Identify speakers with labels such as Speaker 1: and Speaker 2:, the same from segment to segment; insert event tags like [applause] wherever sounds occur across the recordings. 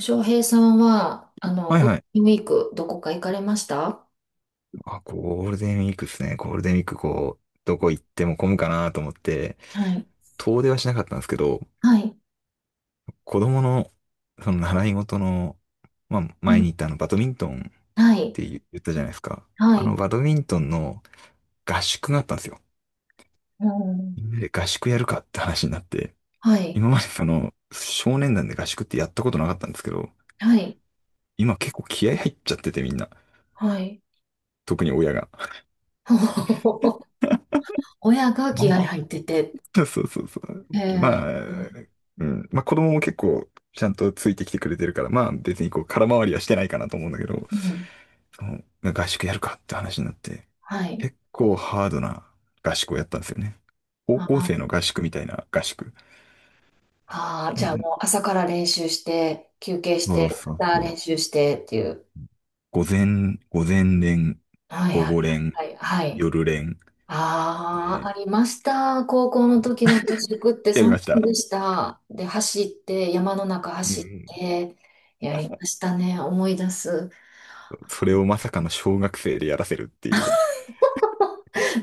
Speaker 1: 翔平さんは、
Speaker 2: はい
Speaker 1: ゴール
Speaker 2: はい。
Speaker 1: デンウィーク、どこか行かれました？
Speaker 2: あ、ゴールデンウィークですね。ゴールデンウィークどこ行っても混むかなと思って、
Speaker 1: はい。
Speaker 2: 遠出はしなかったんですけど、
Speaker 1: はい。
Speaker 2: 子供の、その習い事の、
Speaker 1: う
Speaker 2: 前
Speaker 1: ん。
Speaker 2: に行ったバドミントンっ
Speaker 1: はい。
Speaker 2: て言ったじゃないですか。
Speaker 1: は
Speaker 2: あの、
Speaker 1: い。
Speaker 2: バドミントンの合宿があったんですよ。
Speaker 1: うん。
Speaker 2: みんなで合宿やるかって話になって、
Speaker 1: はい。
Speaker 2: 今まで少年団で合宿ってやったことなかったんですけど、
Speaker 1: はい。
Speaker 2: 今結構気合入っちゃっててみんな。
Speaker 1: はい。
Speaker 2: 特に親が。
Speaker 1: [laughs] 親が
Speaker 2: な
Speaker 1: 気
Speaker 2: ん
Speaker 1: 合
Speaker 2: か、
Speaker 1: 入ってて、
Speaker 2: [laughs] そうそうそうそう。ま
Speaker 1: え
Speaker 2: あ、
Speaker 1: ー、
Speaker 2: うん。まあ子供も結構ちゃんとついてきてくれてるから、まあ別にこう空回りはしてないかなと思うんだけど、
Speaker 1: うん。
Speaker 2: その合宿やるかって話になって、
Speaker 1: はい。
Speaker 2: 結構ハードな合宿をやったんですよね。高校生の合宿みたいな合宿。
Speaker 1: ああ、
Speaker 2: あ
Speaker 1: じゃあ
Speaker 2: の
Speaker 1: もう朝から練習して、休憩し
Speaker 2: そう
Speaker 1: て、
Speaker 2: そう
Speaker 1: また
Speaker 2: そ
Speaker 1: 練
Speaker 2: う。
Speaker 1: 習してっていう。
Speaker 2: 午前、午前練、
Speaker 1: はい
Speaker 2: 午
Speaker 1: はい
Speaker 2: 後練、
Speaker 1: はいはい。はい。
Speaker 2: 夜練
Speaker 1: ああ、
Speaker 2: で
Speaker 1: ありました。高校の時の合宿って
Speaker 2: やり
Speaker 1: そん
Speaker 2: まし
Speaker 1: なん
Speaker 2: た。
Speaker 1: でした。で、走って、山の中
Speaker 2: うんう
Speaker 1: 走っ
Speaker 2: ん。
Speaker 1: て、やりましたね。思い出す。
Speaker 2: それをまさかの小学生でやらせるっていう。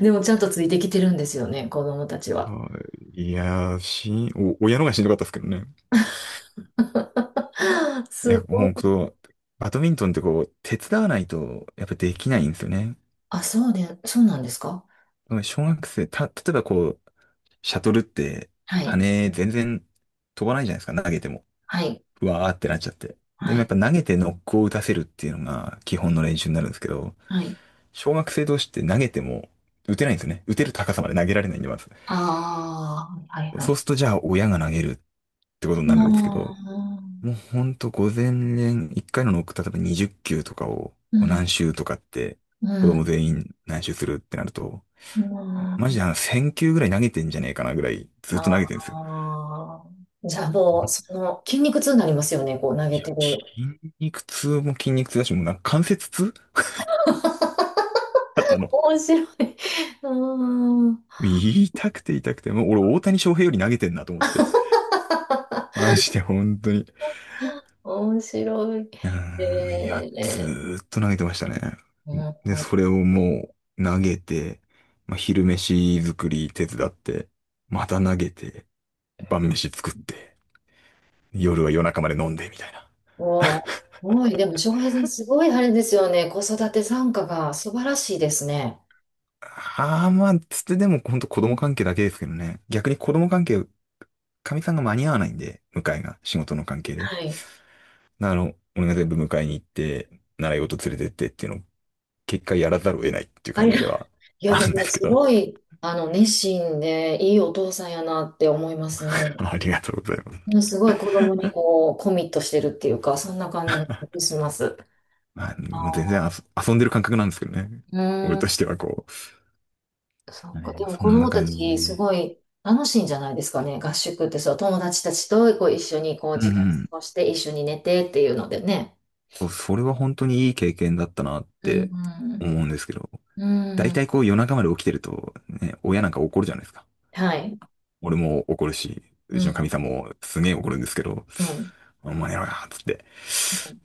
Speaker 1: でもちゃんとついてきてるんですよね、子供たちは。
Speaker 2: はい。いやー、しん、お、親のがしんどかったですけどね。
Speaker 1: [laughs]
Speaker 2: い
Speaker 1: す
Speaker 2: や、ほ
Speaker 1: ご
Speaker 2: ん
Speaker 1: い。
Speaker 2: バドミントンってこう、手伝わないと、やっぱできないんですよね。
Speaker 1: あ、そうで、そうなんですか？
Speaker 2: 小学生、例えばこう、シャトルって、
Speaker 1: はい、
Speaker 2: 羽全然飛ばないじゃないですか、投げても。
Speaker 1: はい、
Speaker 2: うわーってなっちゃって。で
Speaker 1: は
Speaker 2: もやっ
Speaker 1: い、
Speaker 2: ぱ投げてノックを打たせるっていうのが基本の練習になるんですけど、
Speaker 1: はい。
Speaker 2: 小学生同士って投げても打てないんですよね。打てる高さまで投げられないんで、まず。
Speaker 1: ああ、はい、は
Speaker 2: そう
Speaker 1: い。
Speaker 2: するとじゃあ親が投げるってこ
Speaker 1: あ
Speaker 2: とになるんですけど、
Speaker 1: あ、
Speaker 2: もうほんと午前練、一回のノック、例えば20球とかを、
Speaker 1: う
Speaker 2: こう何
Speaker 1: ん、
Speaker 2: 周とかって、
Speaker 1: う
Speaker 2: 子供
Speaker 1: ん、
Speaker 2: 全員何周するってなると、
Speaker 1: う
Speaker 2: マジ
Speaker 1: ん。
Speaker 2: で1000球ぐらい投げてんじゃねえかなぐらい、ずっと投げてるんですよ。
Speaker 1: ああ。じゃあもう、その、筋肉痛になりますよね、こう投
Speaker 2: い
Speaker 1: げ
Speaker 2: や、
Speaker 1: てる。
Speaker 2: 筋肉痛も筋肉痛だし、もう関節痛 [laughs] 肩の。
Speaker 1: 面白い。[laughs] うん。
Speaker 2: 痛くて痛くて、もう俺大谷翔平より投げてんなと思って。マジで本当に。
Speaker 1: 面白い。
Speaker 2: うーん、いや、ず
Speaker 1: え
Speaker 2: ーっと投げてましたね。
Speaker 1: ー、
Speaker 2: で、
Speaker 1: うん。
Speaker 2: それをもう投げて、まあ、昼飯作り手伝って、また投げて、晩飯作って、夜は夜中まで飲んで、みたいな。
Speaker 1: うわ、すごい。でも、翔平さん、すごいあれですよね。子育て参加が素晴らしいですね。
Speaker 2: ああ、まあ、つってでもほんと子供関係だけですけどね。逆に子供関係、かみさんが間に合わないんで、迎えが、仕事の関係で。
Speaker 1: はい。
Speaker 2: あの、俺が全部迎えに行って、習い事連れてってっていうのを、結果やらざるを得ないっていう
Speaker 1: あ
Speaker 2: 感
Speaker 1: り
Speaker 2: じ
Speaker 1: が、
Speaker 2: では
Speaker 1: いや、
Speaker 2: あ
Speaker 1: で
Speaker 2: るんで
Speaker 1: も、
Speaker 2: すけ
Speaker 1: す
Speaker 2: ど。
Speaker 1: ごい、熱心で、いいお父さんやなって思います
Speaker 2: [laughs]
Speaker 1: ね。
Speaker 2: ありがとうございます。
Speaker 1: うん、すごい子供にこう、コミットしてるっていうか、そんな感じがします。
Speaker 2: まあ、
Speaker 1: あ
Speaker 2: もう全然
Speaker 1: ー、
Speaker 2: 遊んでる感覚なんですけどね。
Speaker 1: うー
Speaker 2: 俺とし
Speaker 1: ん。
Speaker 2: てはこ
Speaker 1: そう
Speaker 2: う。
Speaker 1: か。
Speaker 2: ね
Speaker 1: でも
Speaker 2: そ
Speaker 1: 子
Speaker 2: んな
Speaker 1: 供た
Speaker 2: 感じ
Speaker 1: ちす
Speaker 2: ね。
Speaker 1: ごい楽しいんじゃないですかね。合宿ってそう、友達たちとこう一緒にこう
Speaker 2: うんう
Speaker 1: 時間過
Speaker 2: ん。
Speaker 1: ごして一緒に寝てっていうのでね。
Speaker 2: それは本当にいい経験だったなっ
Speaker 1: うん。
Speaker 2: て思うんですけど。
Speaker 1: うん。
Speaker 2: 大
Speaker 1: うん。
Speaker 2: 体こう夜中まで起きてると、ね、親なんか怒るじゃないですか。
Speaker 1: はい。
Speaker 2: 俺も怒るし、
Speaker 1: う
Speaker 2: うちの
Speaker 1: ん。
Speaker 2: 神様もすげえ怒るんですけど、
Speaker 1: うん。
Speaker 2: お前やろや、つって。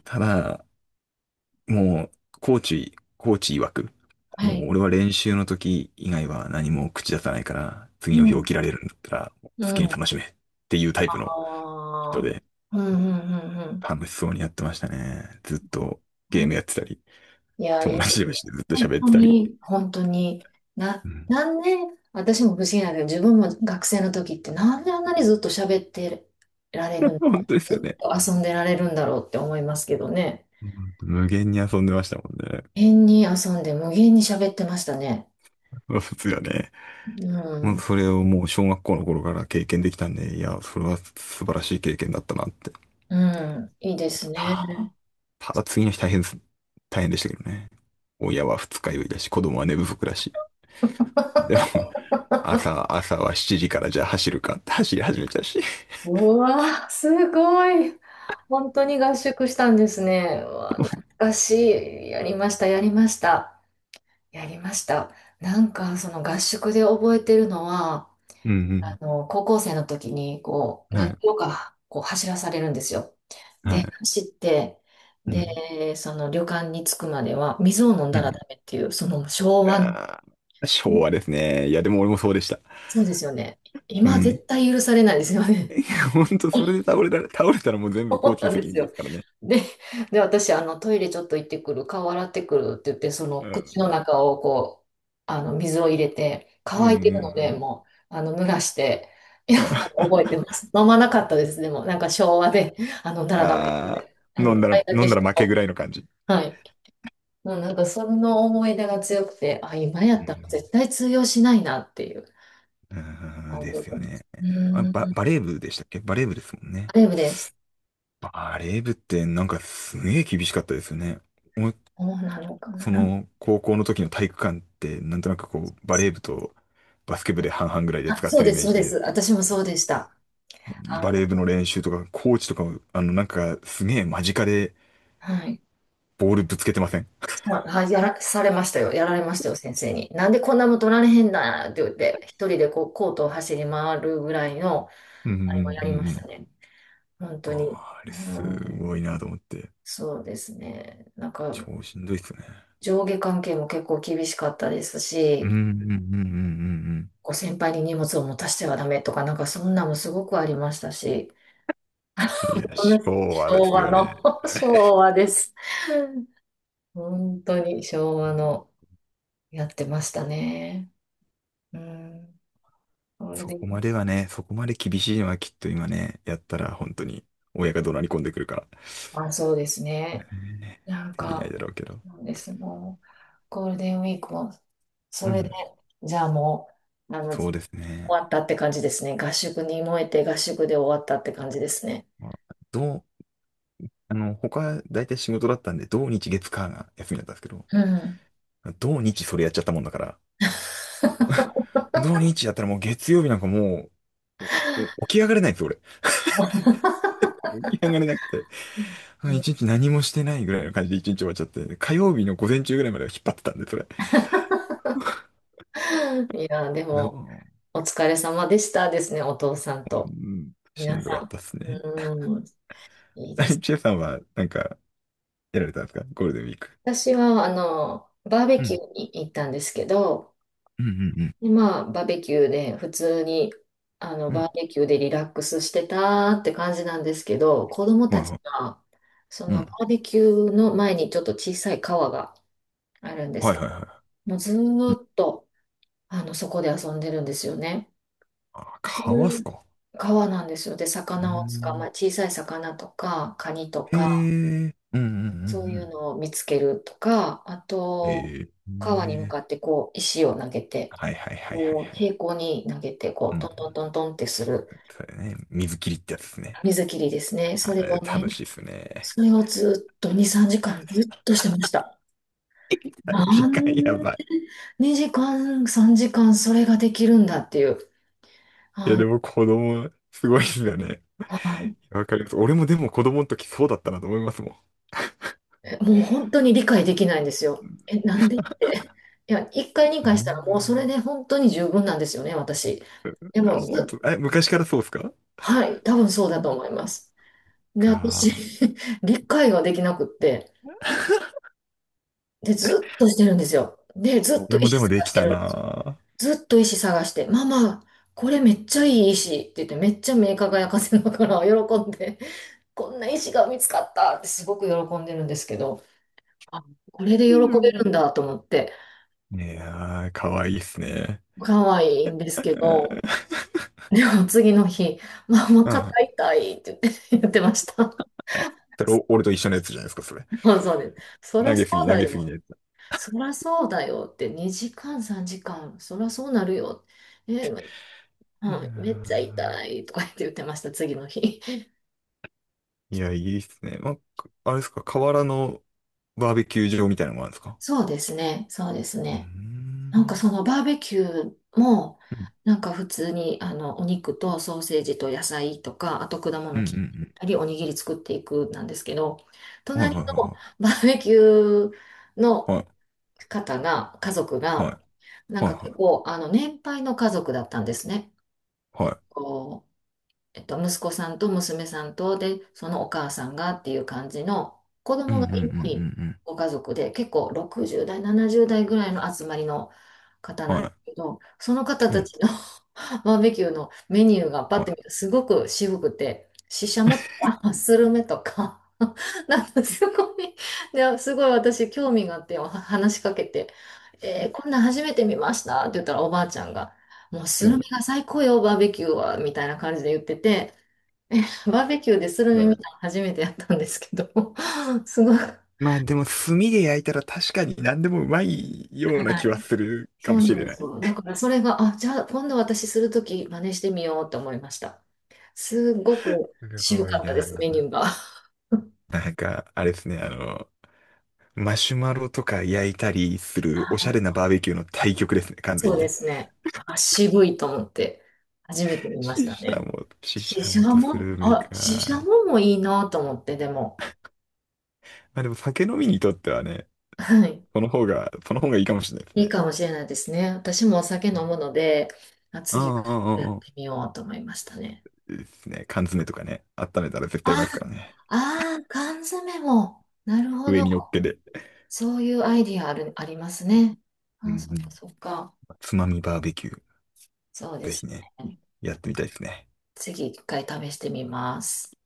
Speaker 2: ただ、もう、コーチ曰く、
Speaker 1: は
Speaker 2: もう
Speaker 1: い。
Speaker 2: 俺は練習の時以外は何も口出さないから、次
Speaker 1: う
Speaker 2: の日起
Speaker 1: ん。
Speaker 2: きられるんだったら、好
Speaker 1: う
Speaker 2: きに
Speaker 1: ん。
Speaker 2: 楽しめっていうタイプの人
Speaker 1: ああ。
Speaker 2: で、
Speaker 1: うん。うん。
Speaker 2: 楽しそうにやってましたね。ずっと
Speaker 1: うん。
Speaker 2: ゲ
Speaker 1: う
Speaker 2: ー
Speaker 1: ん。
Speaker 2: ムやってたり、
Speaker 1: いや、い
Speaker 2: 友
Speaker 1: いです
Speaker 2: 達同
Speaker 1: ね。
Speaker 2: 士でずっと
Speaker 1: 本
Speaker 2: 喋っ
Speaker 1: 当
Speaker 2: てたり。
Speaker 1: に、本当に、な、
Speaker 2: うん
Speaker 1: なんで、私も不思議なんだけど、自分も学生の時ってなんであんなにずっと喋ってられるん
Speaker 2: [laughs]。
Speaker 1: だ、
Speaker 2: 本当ですよ
Speaker 1: ずっ
Speaker 2: ね。
Speaker 1: と遊んでられるんだろうって思いますけどね。
Speaker 2: うん無限に遊んでましたもんね。
Speaker 1: 変に遊んで無限に喋ってましたね。
Speaker 2: 普通はね。
Speaker 1: う
Speaker 2: もう
Speaker 1: ん、
Speaker 2: それをもう小学校の頃から経験できたんで、いや、それは素晴らしい経験だったなって
Speaker 1: うん、いいですね。
Speaker 2: たただ次の日大変です。大変でしたけどね。親は二日酔いだし、子供は寝不足だし。でも、[laughs] 朝は7時からじゃあ走るかって走り始めたし。
Speaker 1: うわー、すごい。本当に合宿したんですね。うわー、懐かしい。やりました、やりました。やりました。なんか、その合宿で覚えてるのは、
Speaker 2: うん
Speaker 1: 高校生の時に、こう、
Speaker 2: うん。は
Speaker 1: 何キ
Speaker 2: い。
Speaker 1: ロか、こう、走らされるんですよ。
Speaker 2: は
Speaker 1: で、
Speaker 2: い。
Speaker 1: 走って、
Speaker 2: うん。
Speaker 1: で、その旅館に着くまでは、水を飲ん
Speaker 2: う
Speaker 1: だら
Speaker 2: ん。
Speaker 1: ダメっていう、その昭和の、
Speaker 2: あー昭和ですね。いや、でも俺もそうでした。
Speaker 1: そうですよね。
Speaker 2: う
Speaker 1: 今
Speaker 2: ん。
Speaker 1: 絶対許されないですよね。
Speaker 2: [laughs] ほんと、それで
Speaker 1: [laughs]
Speaker 2: 倒れたらもう全部コー
Speaker 1: そう
Speaker 2: チ
Speaker 1: な
Speaker 2: の
Speaker 1: んで
Speaker 2: 責
Speaker 1: す
Speaker 2: 任で
Speaker 1: よ。
Speaker 2: すからね。
Speaker 1: で、で、私、トイレちょっと行ってくる、顔洗ってくるって言って、その
Speaker 2: う
Speaker 1: 口の
Speaker 2: ん。
Speaker 1: 中をこう、水を入れて、
Speaker 2: うんう
Speaker 1: 乾いてるので、
Speaker 2: ん
Speaker 1: もう、濡らして、いや、
Speaker 2: うん。
Speaker 1: 覚えて
Speaker 2: [laughs]
Speaker 1: ます。飲まなかったです、でも、なんか昭和で、あの、ダメ
Speaker 2: ああ
Speaker 1: で、
Speaker 2: ー、
Speaker 1: 一回だ
Speaker 2: 飲
Speaker 1: け
Speaker 2: んだ
Speaker 1: しと
Speaker 2: ら負け
Speaker 1: こ
Speaker 2: ぐらいの感じ。
Speaker 1: う。はい。もうなんか、その思い出が強くて、あ、今や
Speaker 2: う
Speaker 1: ったら
Speaker 2: ん
Speaker 1: 絶対通用しないなっていう、
Speaker 2: うーん、で
Speaker 1: 覚え
Speaker 2: す
Speaker 1: て
Speaker 2: よ
Speaker 1: ます。
Speaker 2: ね。
Speaker 1: う
Speaker 2: あ、
Speaker 1: ーん、
Speaker 2: バレー部でしたっけバレー部ですもん
Speaker 1: あ
Speaker 2: ね。
Speaker 1: れです。
Speaker 2: バレー部ってなんかすげえ厳しかったですよね。もう
Speaker 1: そうなのか
Speaker 2: そ
Speaker 1: な。
Speaker 2: の高校の時の体育館ってなんとなくこうバレー部とバスケ部で半々ぐらいで
Speaker 1: あ、
Speaker 2: 使っ
Speaker 1: そう
Speaker 2: てる
Speaker 1: で
Speaker 2: イ
Speaker 1: す、
Speaker 2: メー
Speaker 1: そう
Speaker 2: ジ
Speaker 1: で
Speaker 2: で、
Speaker 1: す。私もそうでした。あ
Speaker 2: バ
Speaker 1: の、
Speaker 2: レー部の練習とかコーチとかもなんかすげえ間近で
Speaker 1: はい。
Speaker 2: ボールぶつけてません
Speaker 1: そう、はい、やらされましたよ。やられましたよ、先生に。なんでこんなもん取られへんだって言って、一人でこう、コートを走り回るぐらいの、
Speaker 2: うんうん
Speaker 1: あれもや
Speaker 2: う
Speaker 1: りま
Speaker 2: んう
Speaker 1: した
Speaker 2: ん。
Speaker 1: ね。本
Speaker 2: あ
Speaker 1: 当に。
Speaker 2: あ、あれ
Speaker 1: う
Speaker 2: すご
Speaker 1: ん、
Speaker 2: いなと思って。
Speaker 1: そうですね。なんか、
Speaker 2: 超しんどいっすね。
Speaker 1: 上下関係も結構厳しかったです
Speaker 2: うんうん
Speaker 1: し、
Speaker 2: うんうんうん
Speaker 1: こう先輩に荷物を持たせてはダメとか、なんかそんなもすごくありましたし、
Speaker 2: うん。いや、
Speaker 1: この
Speaker 2: 昭和で
Speaker 1: 昭
Speaker 2: す
Speaker 1: 和
Speaker 2: よ
Speaker 1: の、
Speaker 2: ね。
Speaker 1: [laughs]
Speaker 2: [laughs]
Speaker 1: 昭和です。本当に昭
Speaker 2: う
Speaker 1: 和
Speaker 2: ん
Speaker 1: のやってましたね。うん、ゴール
Speaker 2: そ
Speaker 1: デン、
Speaker 2: こまではね、そこまで厳しいのはきっと今ね、やったら本当に親が怒鳴り込んでくるから、
Speaker 1: あ、そうですね。
Speaker 2: ね
Speaker 1: なん
Speaker 2: できない
Speaker 1: か、
Speaker 2: だろうけど。
Speaker 1: そうです。もう、ゴールデンウィークも、
Speaker 2: う
Speaker 1: それで、
Speaker 2: ん、
Speaker 1: じゃあもう、
Speaker 2: そ
Speaker 1: 終
Speaker 2: うですね。
Speaker 1: わったって感じですね。合宿に燃えて合宿で終わったって感じですね。
Speaker 2: まあ、どう、あの、他、大体仕事だったんで、土日月火が休みだったんですけど、
Speaker 1: うん。
Speaker 2: 土日それやっちゃったもんだから、土日やったらもう月曜日なんかもう、おお起き上がれないんですよ、俺。起き上がれなくて、う
Speaker 1: う
Speaker 2: ん
Speaker 1: ん、
Speaker 2: 一日何もしてないぐらいの感じで一日終わっちゃって、火曜日の午前中ぐらいまでは引っ張ってたんで、それ。
Speaker 1: いや、でも、
Speaker 2: う
Speaker 1: お疲れ様でしたですね、お父さんと。
Speaker 2: ん、し
Speaker 1: 皆
Speaker 2: んどか
Speaker 1: さ
Speaker 2: ったっす
Speaker 1: ん。
Speaker 2: ね。
Speaker 1: うん、いいです。
Speaker 2: [laughs] チェさんは、やられたんですかゴールデンウィーク。
Speaker 1: 私は、バーベ
Speaker 2: う
Speaker 1: キュ
Speaker 2: ん、
Speaker 1: ーに行ったんですけど、
Speaker 2: うん、うんうん、
Speaker 1: で、まあ、バーベキューで、普通に、
Speaker 2: うん。
Speaker 1: バーベキューでリラックスしてたって感じなんですけど、子供
Speaker 2: は
Speaker 1: た
Speaker 2: い
Speaker 1: ち
Speaker 2: はい。
Speaker 1: が、そ
Speaker 2: う
Speaker 1: のバ
Speaker 2: ん、
Speaker 1: ーベキューの前にちょっと小さい川があるんです
Speaker 2: はい
Speaker 1: け
Speaker 2: は
Speaker 1: ど、
Speaker 2: いは
Speaker 1: もうず
Speaker 2: い。うん、
Speaker 1: ーっと、そこで遊んでるんですよね。
Speaker 2: あ、
Speaker 1: ず
Speaker 2: かわ
Speaker 1: ー
Speaker 2: す
Speaker 1: っと
Speaker 2: か。
Speaker 1: 川なんですよ。で、
Speaker 2: うー
Speaker 1: 魚を捕
Speaker 2: ん、
Speaker 1: まえ、小さい魚とか、カニと
Speaker 2: え
Speaker 1: か、
Speaker 2: ー、うん、うん、う
Speaker 1: そういう
Speaker 2: ん、
Speaker 1: のを見つけるとか、あ
Speaker 2: うん。え
Speaker 1: と、
Speaker 2: ー、
Speaker 1: 川に向
Speaker 2: ね
Speaker 1: かってこう、石を投げて、
Speaker 2: はいはいはいはい
Speaker 1: こう、
Speaker 2: はい。
Speaker 1: 平行に投げて、こ
Speaker 2: う
Speaker 1: う、ト
Speaker 2: ん
Speaker 1: ントントントンってする
Speaker 2: それね、水切りってやつですね。
Speaker 1: 水切りですね。そ
Speaker 2: あ
Speaker 1: れ
Speaker 2: れ、
Speaker 1: を
Speaker 2: 楽
Speaker 1: ね、
Speaker 2: しいっすね。
Speaker 1: それをずっと2、3時間ずっとしてました。
Speaker 2: [laughs]
Speaker 1: な
Speaker 2: 時
Speaker 1: ん
Speaker 2: 間や
Speaker 1: で
Speaker 2: ばい。
Speaker 1: 2時間、3時間それができるんだっていう。
Speaker 2: いや、
Speaker 1: あ、
Speaker 2: でも子供、すごいっすよね。
Speaker 1: はい、
Speaker 2: わかります。俺もでも子供の時そうだったなと思いますも
Speaker 1: えもう本当に理解できないんですよ。え、なんでって。いや、1回、
Speaker 2: ん。
Speaker 1: 2回したらもうそ
Speaker 2: ね
Speaker 1: れで本当に十分なんですよね、私。で
Speaker 2: えあ、
Speaker 1: も
Speaker 2: 本
Speaker 1: ず
Speaker 2: 当、え、昔からそうっすか
Speaker 1: はい、多分そうだと思います。で、私、
Speaker 2: か
Speaker 1: [laughs] 理解ができなくって、で、ずっとしてるんですよ。で、ずっと
Speaker 2: 俺もで
Speaker 1: 石
Speaker 2: もで
Speaker 1: 探
Speaker 2: き
Speaker 1: して
Speaker 2: た
Speaker 1: るんですよ。
Speaker 2: な
Speaker 1: ずっと石探して、ママ、これめっちゃいい石って言って、めっちゃ目輝かせながら喜んで、こんな石が見つかったってすごく喜んでるんですけど、あ、これで喜
Speaker 2: う
Speaker 1: べ
Speaker 2: んぁ。
Speaker 1: るんだと思って、
Speaker 2: いやー、かわいいっすね。
Speaker 1: 可愛いんですけど、
Speaker 2: [laughs]
Speaker 1: でも次の日、ママ
Speaker 2: うん。
Speaker 1: 肩
Speaker 2: は
Speaker 1: 痛いって言って、[laughs] 言ってました。
Speaker 2: い。それ、俺と一緒のやつじゃないですか、それ。
Speaker 1: [laughs] そうそうです。そらそう
Speaker 2: 投
Speaker 1: だ
Speaker 2: げすぎの
Speaker 1: よ。
Speaker 2: やつ。
Speaker 1: そらそうだよって、2時間、3時間、そらそうなるよ。え、う
Speaker 2: いや
Speaker 1: ん、めっちゃ痛
Speaker 2: ー
Speaker 1: いとか言って言ってました、次の日。[laughs]
Speaker 2: いや、いいっすね。まあ、あれですか、河原のバーベキュー場みたいなのもあるんですか
Speaker 1: そうですね、そうです
Speaker 2: うー
Speaker 1: ね。なんか
Speaker 2: ん。
Speaker 1: そのバーベキューも、
Speaker 2: うん
Speaker 1: なんか普通にあのお肉とソーセージと野菜とか、あと果
Speaker 2: う
Speaker 1: 物
Speaker 2: んう
Speaker 1: 切っ
Speaker 2: ん
Speaker 1: たり、おにぎり作っていくなんですけど、
Speaker 2: うん。はいは
Speaker 1: 隣
Speaker 2: い
Speaker 1: の
Speaker 2: は
Speaker 1: [laughs] バーベキュー
Speaker 2: い
Speaker 1: の
Speaker 2: はい。
Speaker 1: 方が、家族
Speaker 2: は
Speaker 1: が、な
Speaker 2: い
Speaker 1: ん
Speaker 2: はい
Speaker 1: か結
Speaker 2: は
Speaker 1: 構あの年配の家族だったんですね。
Speaker 2: い。
Speaker 1: え
Speaker 2: は
Speaker 1: っ
Speaker 2: い。
Speaker 1: とえっと、息子さんと娘さんと、で、そのお母さんがっていう感じの、子
Speaker 2: うん
Speaker 1: 供
Speaker 2: うんう
Speaker 1: が
Speaker 2: んう
Speaker 1: いない
Speaker 2: ん
Speaker 1: ご家族で、結構60代、70代ぐらいの集まりの方
Speaker 2: うん。
Speaker 1: なん
Speaker 2: は
Speaker 1: ですけ
Speaker 2: い。
Speaker 1: ど、その方
Speaker 2: う
Speaker 1: た
Speaker 2: ん。
Speaker 1: ちの [laughs] バーベキューのメニューがパッて
Speaker 2: は
Speaker 1: 見るとすごく渋くて、ししゃもとか、スルメとか、[laughs] なんかすごい、ですごい私興味があって話しかけて、えーこんなん初めて見ましたって言ったらおばあちゃんが、もう
Speaker 2: い。
Speaker 1: ス
Speaker 2: う
Speaker 1: ルメ
Speaker 2: ん
Speaker 1: が最高よ、バーベキューは、みたいな感じで言ってて、バーベキューでスルメ見たの初めてやったんですけど、[laughs] すごい。
Speaker 2: まあでも炭で焼いたら確かに何でもうまいような
Speaker 1: は
Speaker 2: 気
Speaker 1: い。
Speaker 2: はするか
Speaker 1: そ
Speaker 2: も
Speaker 1: う
Speaker 2: し
Speaker 1: なん
Speaker 2: れ
Speaker 1: で
Speaker 2: な
Speaker 1: す
Speaker 2: い。
Speaker 1: よ。だからそれが、あ、じゃあ今度私するとき真似してみようと思いました。すごく
Speaker 2: す
Speaker 1: 渋
Speaker 2: ごい
Speaker 1: かったです、メニ
Speaker 2: な。
Speaker 1: ューが。
Speaker 2: なんか、あれですね、あの、マシュマロとか焼いたりするおしゃれな
Speaker 1: あ、
Speaker 2: バーベキューの対極ですね、完全
Speaker 1: そう
Speaker 2: に
Speaker 1: で
Speaker 2: ね。
Speaker 1: すね。あ、渋いと思って、初めて
Speaker 2: [laughs]
Speaker 1: 見ましたね。
Speaker 2: しし
Speaker 1: シ
Speaker 2: ゃ
Speaker 1: シ
Speaker 2: も
Speaker 1: ャ
Speaker 2: とス
Speaker 1: モ、
Speaker 2: ルメ
Speaker 1: あ、シシャ
Speaker 2: か。
Speaker 1: モもいいなと思って、でも。
Speaker 2: まあでも酒飲みにとってはね、
Speaker 1: はい。
Speaker 2: その方がいいかもしれないです
Speaker 1: いい
Speaker 2: ね。
Speaker 1: かもしれないですね。私もお酒飲むので、あ、
Speaker 2: う
Speaker 1: 次はちょ
Speaker 2: んうんう
Speaker 1: っとやっ
Speaker 2: ん
Speaker 1: て
Speaker 2: うん。
Speaker 1: みようと思いましたね。
Speaker 2: ですね、缶詰とかね、温めたら絶対うま
Speaker 1: あ、
Speaker 2: いですからね。
Speaker 1: あー、缶詰も。なるほ
Speaker 2: 上
Speaker 1: ど。
Speaker 2: に乗っけて。
Speaker 1: そういうアイディアある、ありますね。
Speaker 2: うん
Speaker 1: あ、そっ
Speaker 2: う
Speaker 1: か
Speaker 2: ん。
Speaker 1: そっか。
Speaker 2: つまみバーベキュー、
Speaker 1: そうで
Speaker 2: ぜ
Speaker 1: す
Speaker 2: ひね、
Speaker 1: ね。
Speaker 2: やってみたいですね。
Speaker 1: 次一回試してみます。